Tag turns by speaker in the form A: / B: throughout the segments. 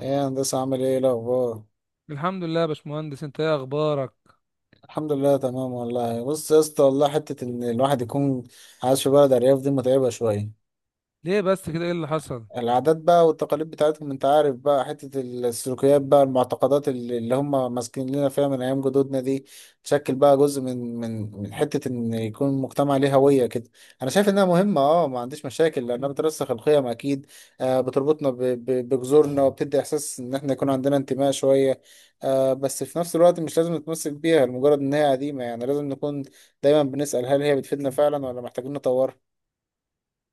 A: ايه يا هندسة، عامل ايه؟ إيه الأخبار؟
B: الحمد لله يا باشمهندس، انت ايه اخبارك؟
A: الحمد لله تمام والله. بص يا اسطى والله، حتة إن الواحد يكون عايش في بلد أرياف دي متعبة شوية.
B: ليه بس كده؟ ايه اللي حصل؟
A: العادات بقى والتقاليد بتاعتهم، انت عارف بقى، حتة السلوكيات بقى، المعتقدات اللي هم ماسكين لنا فيها من ايام جدودنا دي تشكل بقى جزء من حتة ان يكون المجتمع ليه هوية كده. انا شايف انها مهمة، ما عنديش مشاكل لانها بترسخ القيم اكيد. بتربطنا بجذورنا وبتدي احساس ان احنا يكون عندنا انتماء شوية. بس في نفس الوقت مش لازم نتمسك بيها لمجرد ان هي قديمة، يعني لازم نكون دايما بنسأل، هل هي بتفيدنا فعلا ولا محتاجين نطورها؟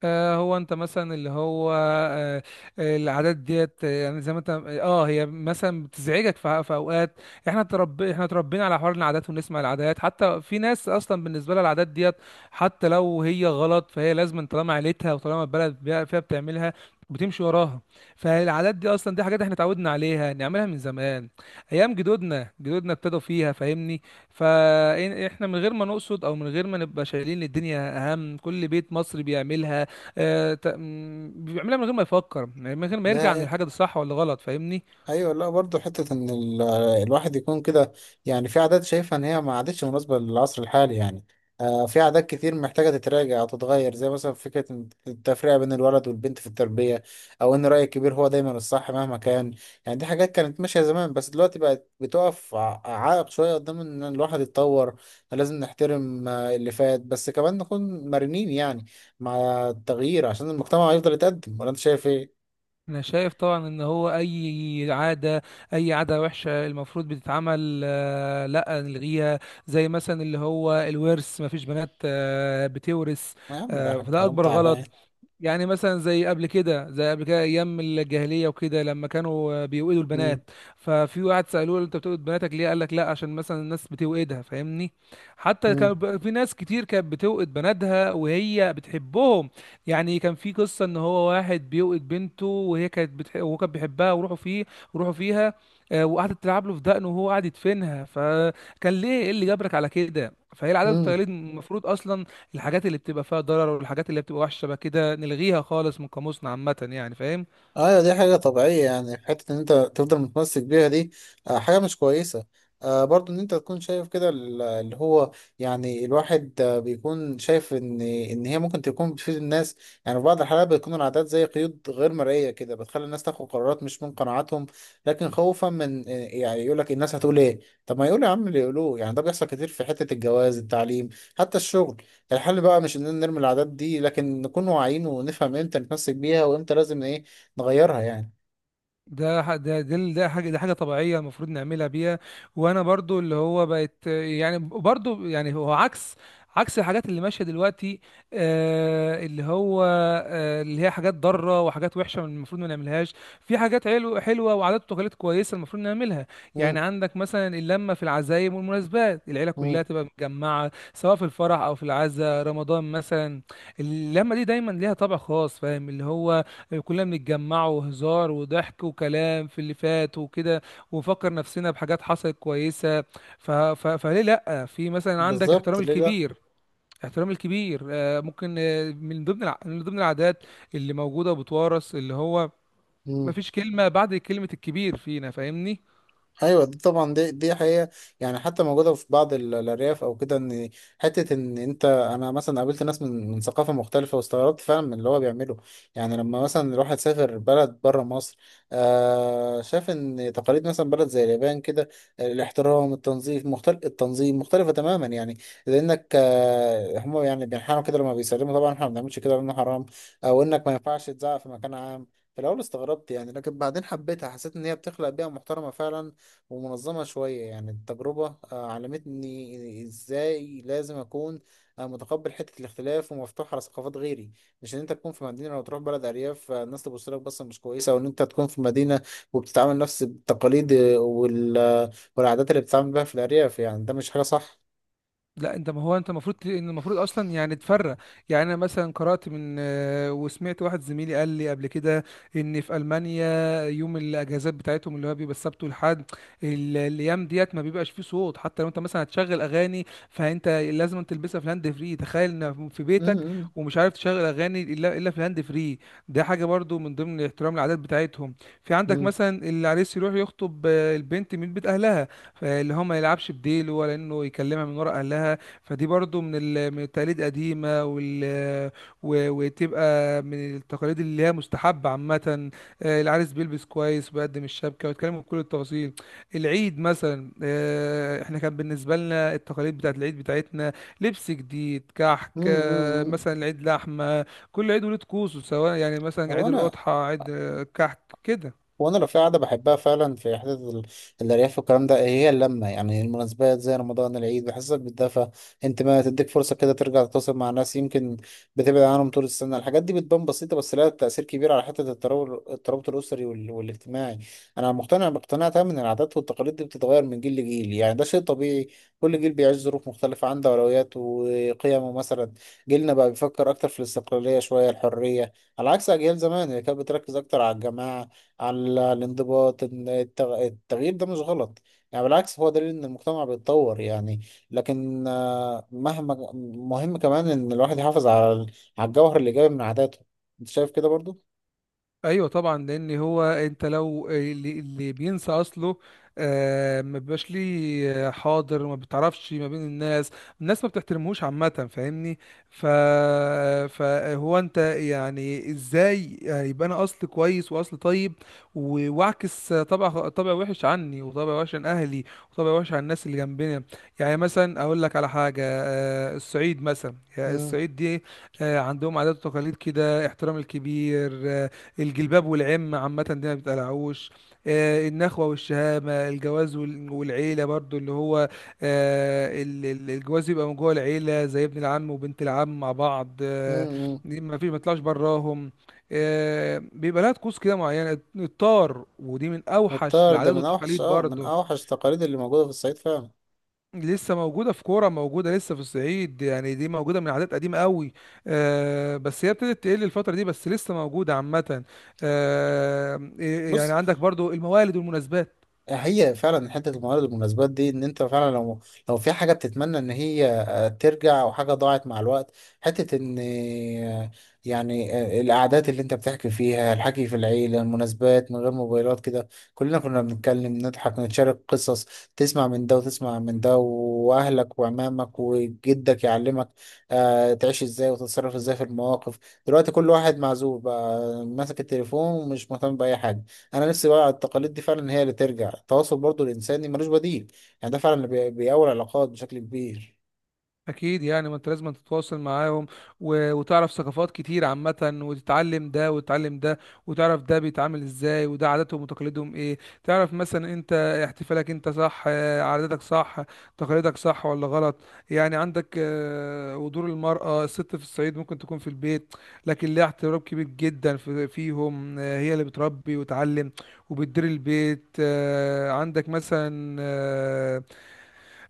B: آه، هو انت مثلا اللي هو آه، آه، العادات ديت، يعني زي ما انت اه هي مثلا بتزعجك في اوقات. احنا اتربينا على حوار العادات ونسمع العادات، حتى في ناس اصلا بالنسبه لها العادات ديت حتى لو هي غلط فهي لازم، طالما عيلتها وطالما البلد فيها بتعملها بتمشي وراها. فالعادات دي اصلا دي حاجات احنا اتعودنا عليها نعملها من زمان، ايام جدودنا ابتدوا فيها، فاهمني؟ فاحنا من غير ما نقصد او من غير ما نبقى شايلين الدنيا اهم، كل بيت مصري بيعملها. بيعملها من غير ما يفكر، يعني من غير ما يرجع عن الحاجه دي صح ولا غلط، فاهمني؟
A: ايوه. لا برضه، حته ان الواحد يكون كده، يعني في عادات شايفها ان هي ما عادتش مناسبه للعصر الحالي. يعني في عادات كتير محتاجه تتراجع او تتغير، زي مثلا فكره إن التفرقه بين الولد والبنت في التربيه، او ان راي الكبير هو دايما الصح مهما كان. يعني دي حاجات كانت ماشيه زمان، بس دلوقتي بقت بتقف عائق شويه قدام ان الواحد يتطور. لازم نحترم اللي فات، بس كمان نكون مرنين يعني، مع التغيير عشان المجتمع يفضل يتقدم. ولا انت شايف ايه؟
B: انا شايف طبعا ان هو اي اي عاده وحشه المفروض بتتعمل، لا نلغيها، زي مثلا اللي هو الورث، ما فيش بنات بتورث.
A: يا عم ده
B: فده
A: كلام
B: اكبر
A: تعبان.
B: غلط. يعني مثلا زي قبل كده ايام الجاهليه وكده، لما كانوا بيوئدوا البنات، ففي واحد سالوه انت بتوئد بناتك ليه، قال لك لا عشان مثلا الناس بتوئدها، فاهمني؟ حتى كان
A: مم.
B: في ناس كتير كانت بتوئد بناتها وهي بتحبهم. يعني كان في قصه ان هو واحد بيوئد بنته، وهو كان بيحبها، وروحوا فيها. وقعدت تلعب له في دقنه وهو قاعد يدفنها، فكان ليه ايه اللي جبرك على كده؟ فهي العادات
A: مم.
B: والتقاليد، المفروض اصلا الحاجات اللي بتبقى فيها ضرر والحاجات اللي بتبقى وحشه بقى كده نلغيها خالص من قاموسنا عامه، يعني فاهم؟
A: ايوه دي حاجة طبيعية، يعني حتة ان انت تفضل متمسك بيها دي حاجة مش كويسة. برضو ان انت تكون شايف كده اللي هو، يعني الواحد بيكون شايف ان هي ممكن تكون بتفيد الناس. يعني في بعض الحالات بتكون العادات زي قيود غير مرئية كده، بتخلي الناس تاخد قرارات مش من قناعاتهم، لكن خوفا من، يعني يقول لك الناس هتقول ايه. طب ما يقول يا عم اللي يقولوه، يعني ده بيحصل كتير في حتة الجواز، التعليم، حتى الشغل. الحل بقى مش اننا نرمي العادات دي، لكن نكون واعيين ونفهم امتى نتمسك بيها وامتى لازم ايه، نغيرها يعني.
B: ده ح- ده ده ال- ده حاجه ده حاجه طبيعيه المفروض نعملها بيها. وانا برضو اللي هو بقت يعني برضو، يعني هو عكس الحاجات اللي ماشيه دلوقتي. آه اللي هو آه اللي هي حاجات ضاره وحاجات وحشه، المفروض ما نعملهاش. في حاجات حلوه حلوه، وعادات وتقاليد كويسه المفروض نعملها. يعني
A: مم.
B: عندك مثلا اللمه في العزايم والمناسبات، العيله كلها
A: مم.
B: تبقى متجمعه سواء في الفرح او في العزاء، رمضان مثلا. اللمه دي دايما ليها طابع خاص، فاهم اللي هو؟ كلنا بنتجمع، وهزار وضحك وكلام في اللي فات وكده، ونفكر نفسنا بحاجات حصلت كويسة. فليه لأ؟ في مثلا عندك
A: بالظبط،
B: احترام
A: ليه لا.
B: الكبير. احترام الكبير آه، ممكن آه، من ضمن الع... من ضمن العادات اللي موجودة وبتورث، اللي هو
A: مم.
B: مفيش كلمة بعد كلمة الكبير فينا، فاهمني؟
A: ايوه دي طبعا دي حقيقه. يعني حتى موجوده في بعض الارياف او كده، ان حته ان انا مثلا قابلت ناس من ثقافه مختلفه، واستغربت فعلا من اللي هو بيعمله. يعني لما مثلا الواحد سافر بلد بره مصر، شاف ان تقاليد مثلا بلد زي اليابان كده، الاحترام، التنظيف مختلف، التنظيم مختلفه تماما. يعني لانك آه هم يعني بينحنوا كده لما بيسلموا، طبعا احنا ما بنعملش كده لانه حرام. او انك ما ينفعش تزعق في مكان عام. في الاول استغربت يعني، لكن بعدين حبيتها، حسيت ان هي بتخلق بيئه محترمه فعلا، ومنظمة شوية. يعني التجربة علمتني ازاي لازم اكون متقبل حتة الاختلاف ومفتوح على ثقافات غيري. مش ان انت تكون في مدينة لو تروح بلد ارياف الناس تبص لك بصة مش كويسة، او ان انت تكون في مدينة وبتتعامل نفس التقاليد، والعادات اللي بتتعامل بيها في الارياف، يعني ده مش حاجة صح.
B: لا انت، ما هو انت المفروض، ان المفروض اصلا يعني تفرق. يعني انا مثلا قرات من آه، وسمعت واحد زميلي قال لي قبل كده ان في المانيا، يوم الاجازات بتاعتهم اللي هو بيبقى السبت والحد، الايام ديت ما بيبقاش فيه صوت، حتى لو انت مثلا هتشغل اغاني فانت لازم تلبسها في الهاند فري، تخيل ان في بيتك
A: مم،
B: ومش عارف تشغل اغاني الا في الهاند فري. ده حاجه برضو من ضمن احترام العادات بتاعتهم. في عندك
A: مم،
B: مثلا العريس يروح يخطب البنت من بيت اهلها، فاللي هو ما يلعبش بديل، ولا انه يكلمها من ورا اهلها. فدي برضو من التقاليد قديمه، وتبقى من التقاليد اللي هي مستحبه عامه. العريس بيلبس كويس وبيقدم الشبكه ويتكلموا بكل التفاصيل. العيد مثلا، احنا كان بالنسبه لنا التقاليد بتاعت العيد بتاعتنا لبس جديد، كحك،
A: مم، مم، مم.
B: مثلا العيد لحمه. كل عيد وليه طقوسه، سواء يعني مثلا
A: هو
B: عيد
A: انا
B: الاضحى، عيد كحك كده.
A: وانا لو في قعده بحبها فعلا، في حته الارياف والكلام ده، هي اللمه. يعني المناسبات زي رمضان، العيد، بحسك بتدفى، انت ما تديك فرصه كده ترجع تتواصل مع ناس يمكن بتبعد عنهم طول السنه. الحاجات دي بتبان بسيطه، بس لها تاثير كبير على حته الترابط الاسري والاجتماعي. انا مقتنع باقتناع تام ان العادات والتقاليد دي بتتغير من جيل لجيل. يعني ده شيء طبيعي، كل جيل بيعيش ظروف مختلفه، عنده اولويات وقيمه. مثلا جيلنا بقى بيفكر اكتر في الاستقلاليه شويه، الحريه، على عكس اجيال زمان اللي كانت بتركز اكتر على الجماعه، على الانضباط. إن التغيير ده مش غلط، يعني بالعكس هو دليل ان المجتمع بيتطور. يعني لكن، مهم كمان ان الواحد يحافظ على على الجوهر الايجابي من عاداته. انت شايف كده برضو؟
B: ايوه طبعا، لان هو انت لو اللي بينسى اصله ما بيبقاش ليه حاضر، ما بتعرفش ما بين الناس، الناس ما بتحترمهوش عامه، فاهمني؟ ف فهو انت يعني ازاي يبقى انا اصل كويس واصل طيب، واعكس طبع وحش عني، وطبع وحش عن اهلي، وطبع وحش عن الناس اللي جنبنا. يعني مثلا اقول لك على حاجه، الصعيد مثلا، يعني
A: امم.
B: الصعيد دي عندهم عادات وتقاليد كده، احترام الكبير، الجلباب والعم عامة دي ما بتقلعوش، النخوة والشهامة، الجواز والعيلة برضو اللي هو، الجواز يبقى من جوه العيلة، زي ابن العم وبنت العم مع بعض.
A: امم.
B: دي ما فيش ما يطلعش براهم. بيبقى لها طقوس كده معينة، الطار، ودي من أوحش
A: الطار ده
B: العادات
A: من اوحش،
B: والتقاليد
A: من
B: برضو.
A: اوحش التقاليد اللي موجوده في الصعيد فعلا.
B: لسه موجودة في كورة، موجودة لسه في الصعيد، يعني دي موجودة من عادات قديمة قوي. بس هي ابتدت تقل الفترة دي، بس لسه موجودة عامة. آه
A: بص.
B: يعني عندك برضو الموالد والمناسبات.
A: هي فعلا حته الموارد والمناسبات دي، ان انت فعلا لو لو في حاجه بتتمنى ان هي ترجع، او حاجه ضاعت مع الوقت. حته ان، يعني القعدات اللي انت بتحكي فيها، الحكي في العيله، المناسبات من غير موبايلات كده، كلنا كنا بنتكلم، نضحك، نتشارك قصص، تسمع من ده وتسمع من ده، واهلك وعمامك وجدك يعلمك تعيش ازاي وتتصرف ازاي في المواقف. دلوقتي كل واحد معزول بقى، ماسك التليفون ومش مهتم باي حاجه. انا نفسي بقى التقاليد دي فعلا هي اللي ترجع التواصل، برضو الانساني ملوش بديل، يعني ده فعلا اللي بيقوي العلاقات بشكل كبير.
B: اكيد، يعني ما انت لازم تتواصل معاهم وتعرف ثقافات كتير عامه، وتتعلم ده وتتعلم ده، وتعرف ده بيتعامل ازاي وده عاداتهم وتقاليدهم ايه. تعرف مثلا انت احتفالك انت صح، عاداتك صح، تقاليدك صح ولا غلط. يعني عندك ودور المرأة، الست في الصعيد ممكن تكون في البيت لكن ليها احترام كبير جدا فيهم. هي اللي بتربي وتعلم وبتدير البيت.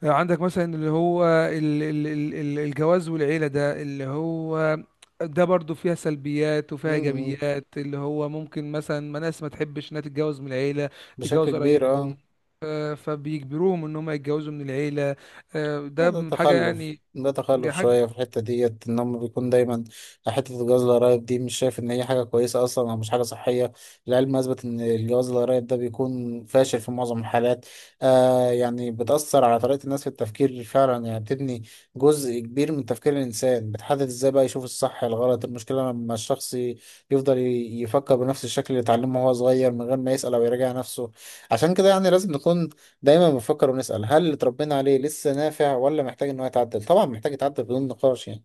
B: عندك مثلا اللي هو الجواز والعيلة، ده اللي هو ده برضو فيها سلبيات وفيها
A: امم.
B: إيجابيات، اللي هو ممكن مثلا ما ناس ما تحبش إنها تتجوز من العيلة،
A: بشكل
B: تتجوز
A: كبير.
B: قرايبهم.
A: اه
B: فبيجبروهم إن هم يتجوزوا من العيلة.
A: ده
B: ده حاجة
A: تخلف،
B: يعني،
A: ده
B: دي
A: تخلف
B: حاجة.
A: شوية في الحتة ديت إن هم بيكون دايما حتة الجواز القرايب دي. مش شايف إن هي حاجة كويسة أصلا، أو مش حاجة صحية. العلم أثبت إن الجواز القرايب ده بيكون فاشل في معظم الحالات. آه يعني بتأثر على طريقة الناس في التفكير فعلا، يعني بتبني جزء كبير من تفكير الإنسان، بتحدد إزاي بقى يشوف الصح، الغلط. المشكلة لما الشخص يفضل يفكر بنفس الشكل اللي اتعلمه وهو صغير، من غير ما يسأل أو يراجع نفسه. عشان كده يعني لازم نكون دايما بنفكر ونسأل، هل اللي اتربينا عليه لسه نافع ولا محتاج ان هو يتعدل؟ طبعا محتاج يتعدل بدون نقاش يعني.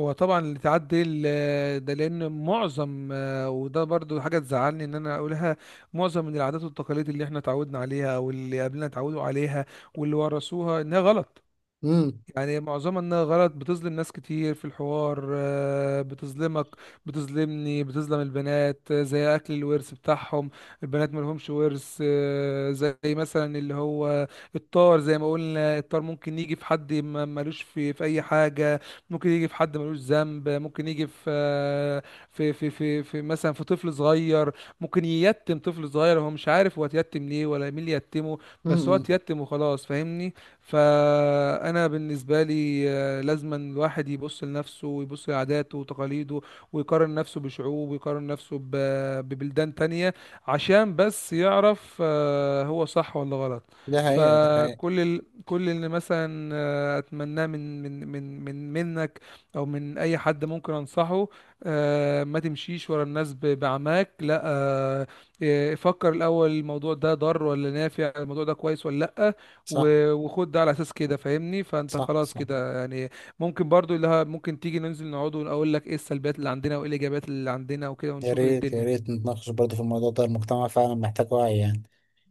B: هو طبعا اللي تعدي ده، لأن معظم، وده برضو حاجة تزعلني إن أنا أقولها، معظم من العادات والتقاليد اللي إحنا اتعودنا عليها أو اللي قبلنا اتعودوا عليها واللي ورثوها إنها غلط.
A: امم.
B: يعني معظمها انها غلط، بتظلم ناس كتير في الحوار. بتظلمك، بتظلمني، بتظلم البنات، زي اكل الورث بتاعهم، البنات ملهمش ورث. زي مثلا اللي هو الطار، زي ما قلنا الطار ممكن يجي في حد ملوش في اي حاجة، ممكن يجي في حد ملوش ذنب، ممكن يجي في آه، في في في, في مثلا في طفل صغير. ممكن ييتم طفل صغير هو مش عارف هو اتيتم ليه ولا مين اللي يتمه، بس هو
A: امم.
B: اتيتم وخلاص، فاهمني؟ فانا بالنسبه لي لازما الواحد يبص لنفسه، ويبص لعاداته وتقاليده، ويقارن نفسه بشعوب، ويقارن نفسه ببلدان تانية، عشان بس يعرف هو صح ولا غلط.
A: دي حقيقة، دي حقيقة.
B: كل اللي مثلا اتمناه من من من من منك او من اي حد ممكن انصحه، ما تمشيش ورا الناس بعماك، لا. فكر الاول، الموضوع ده ضار ولا نافع، الموضوع ده كويس ولا لا،
A: صح.
B: وخد ده على اساس كده، فاهمني؟ فانت
A: صح.
B: خلاص
A: صح.
B: كده يعني. ممكن برضو ممكن تيجي ننزل نقعد واقول لك ايه السلبيات اللي عندنا وايه الايجابيات اللي عندنا وكده،
A: يا
B: ونشوف
A: ريت يا
B: الدنيا.
A: ريت نتناقش برضه في الموضوع ده، المجتمع فعلا محتاج وعي يعني.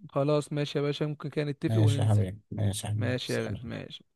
B: خلاص ماشي يا باشا، ممكن كده نتفق
A: ماشي يا
B: وننزل.
A: حبيبي، ماشي يا حبيبي،
B: ماشي يا غالي،
A: سلام.
B: ماشي.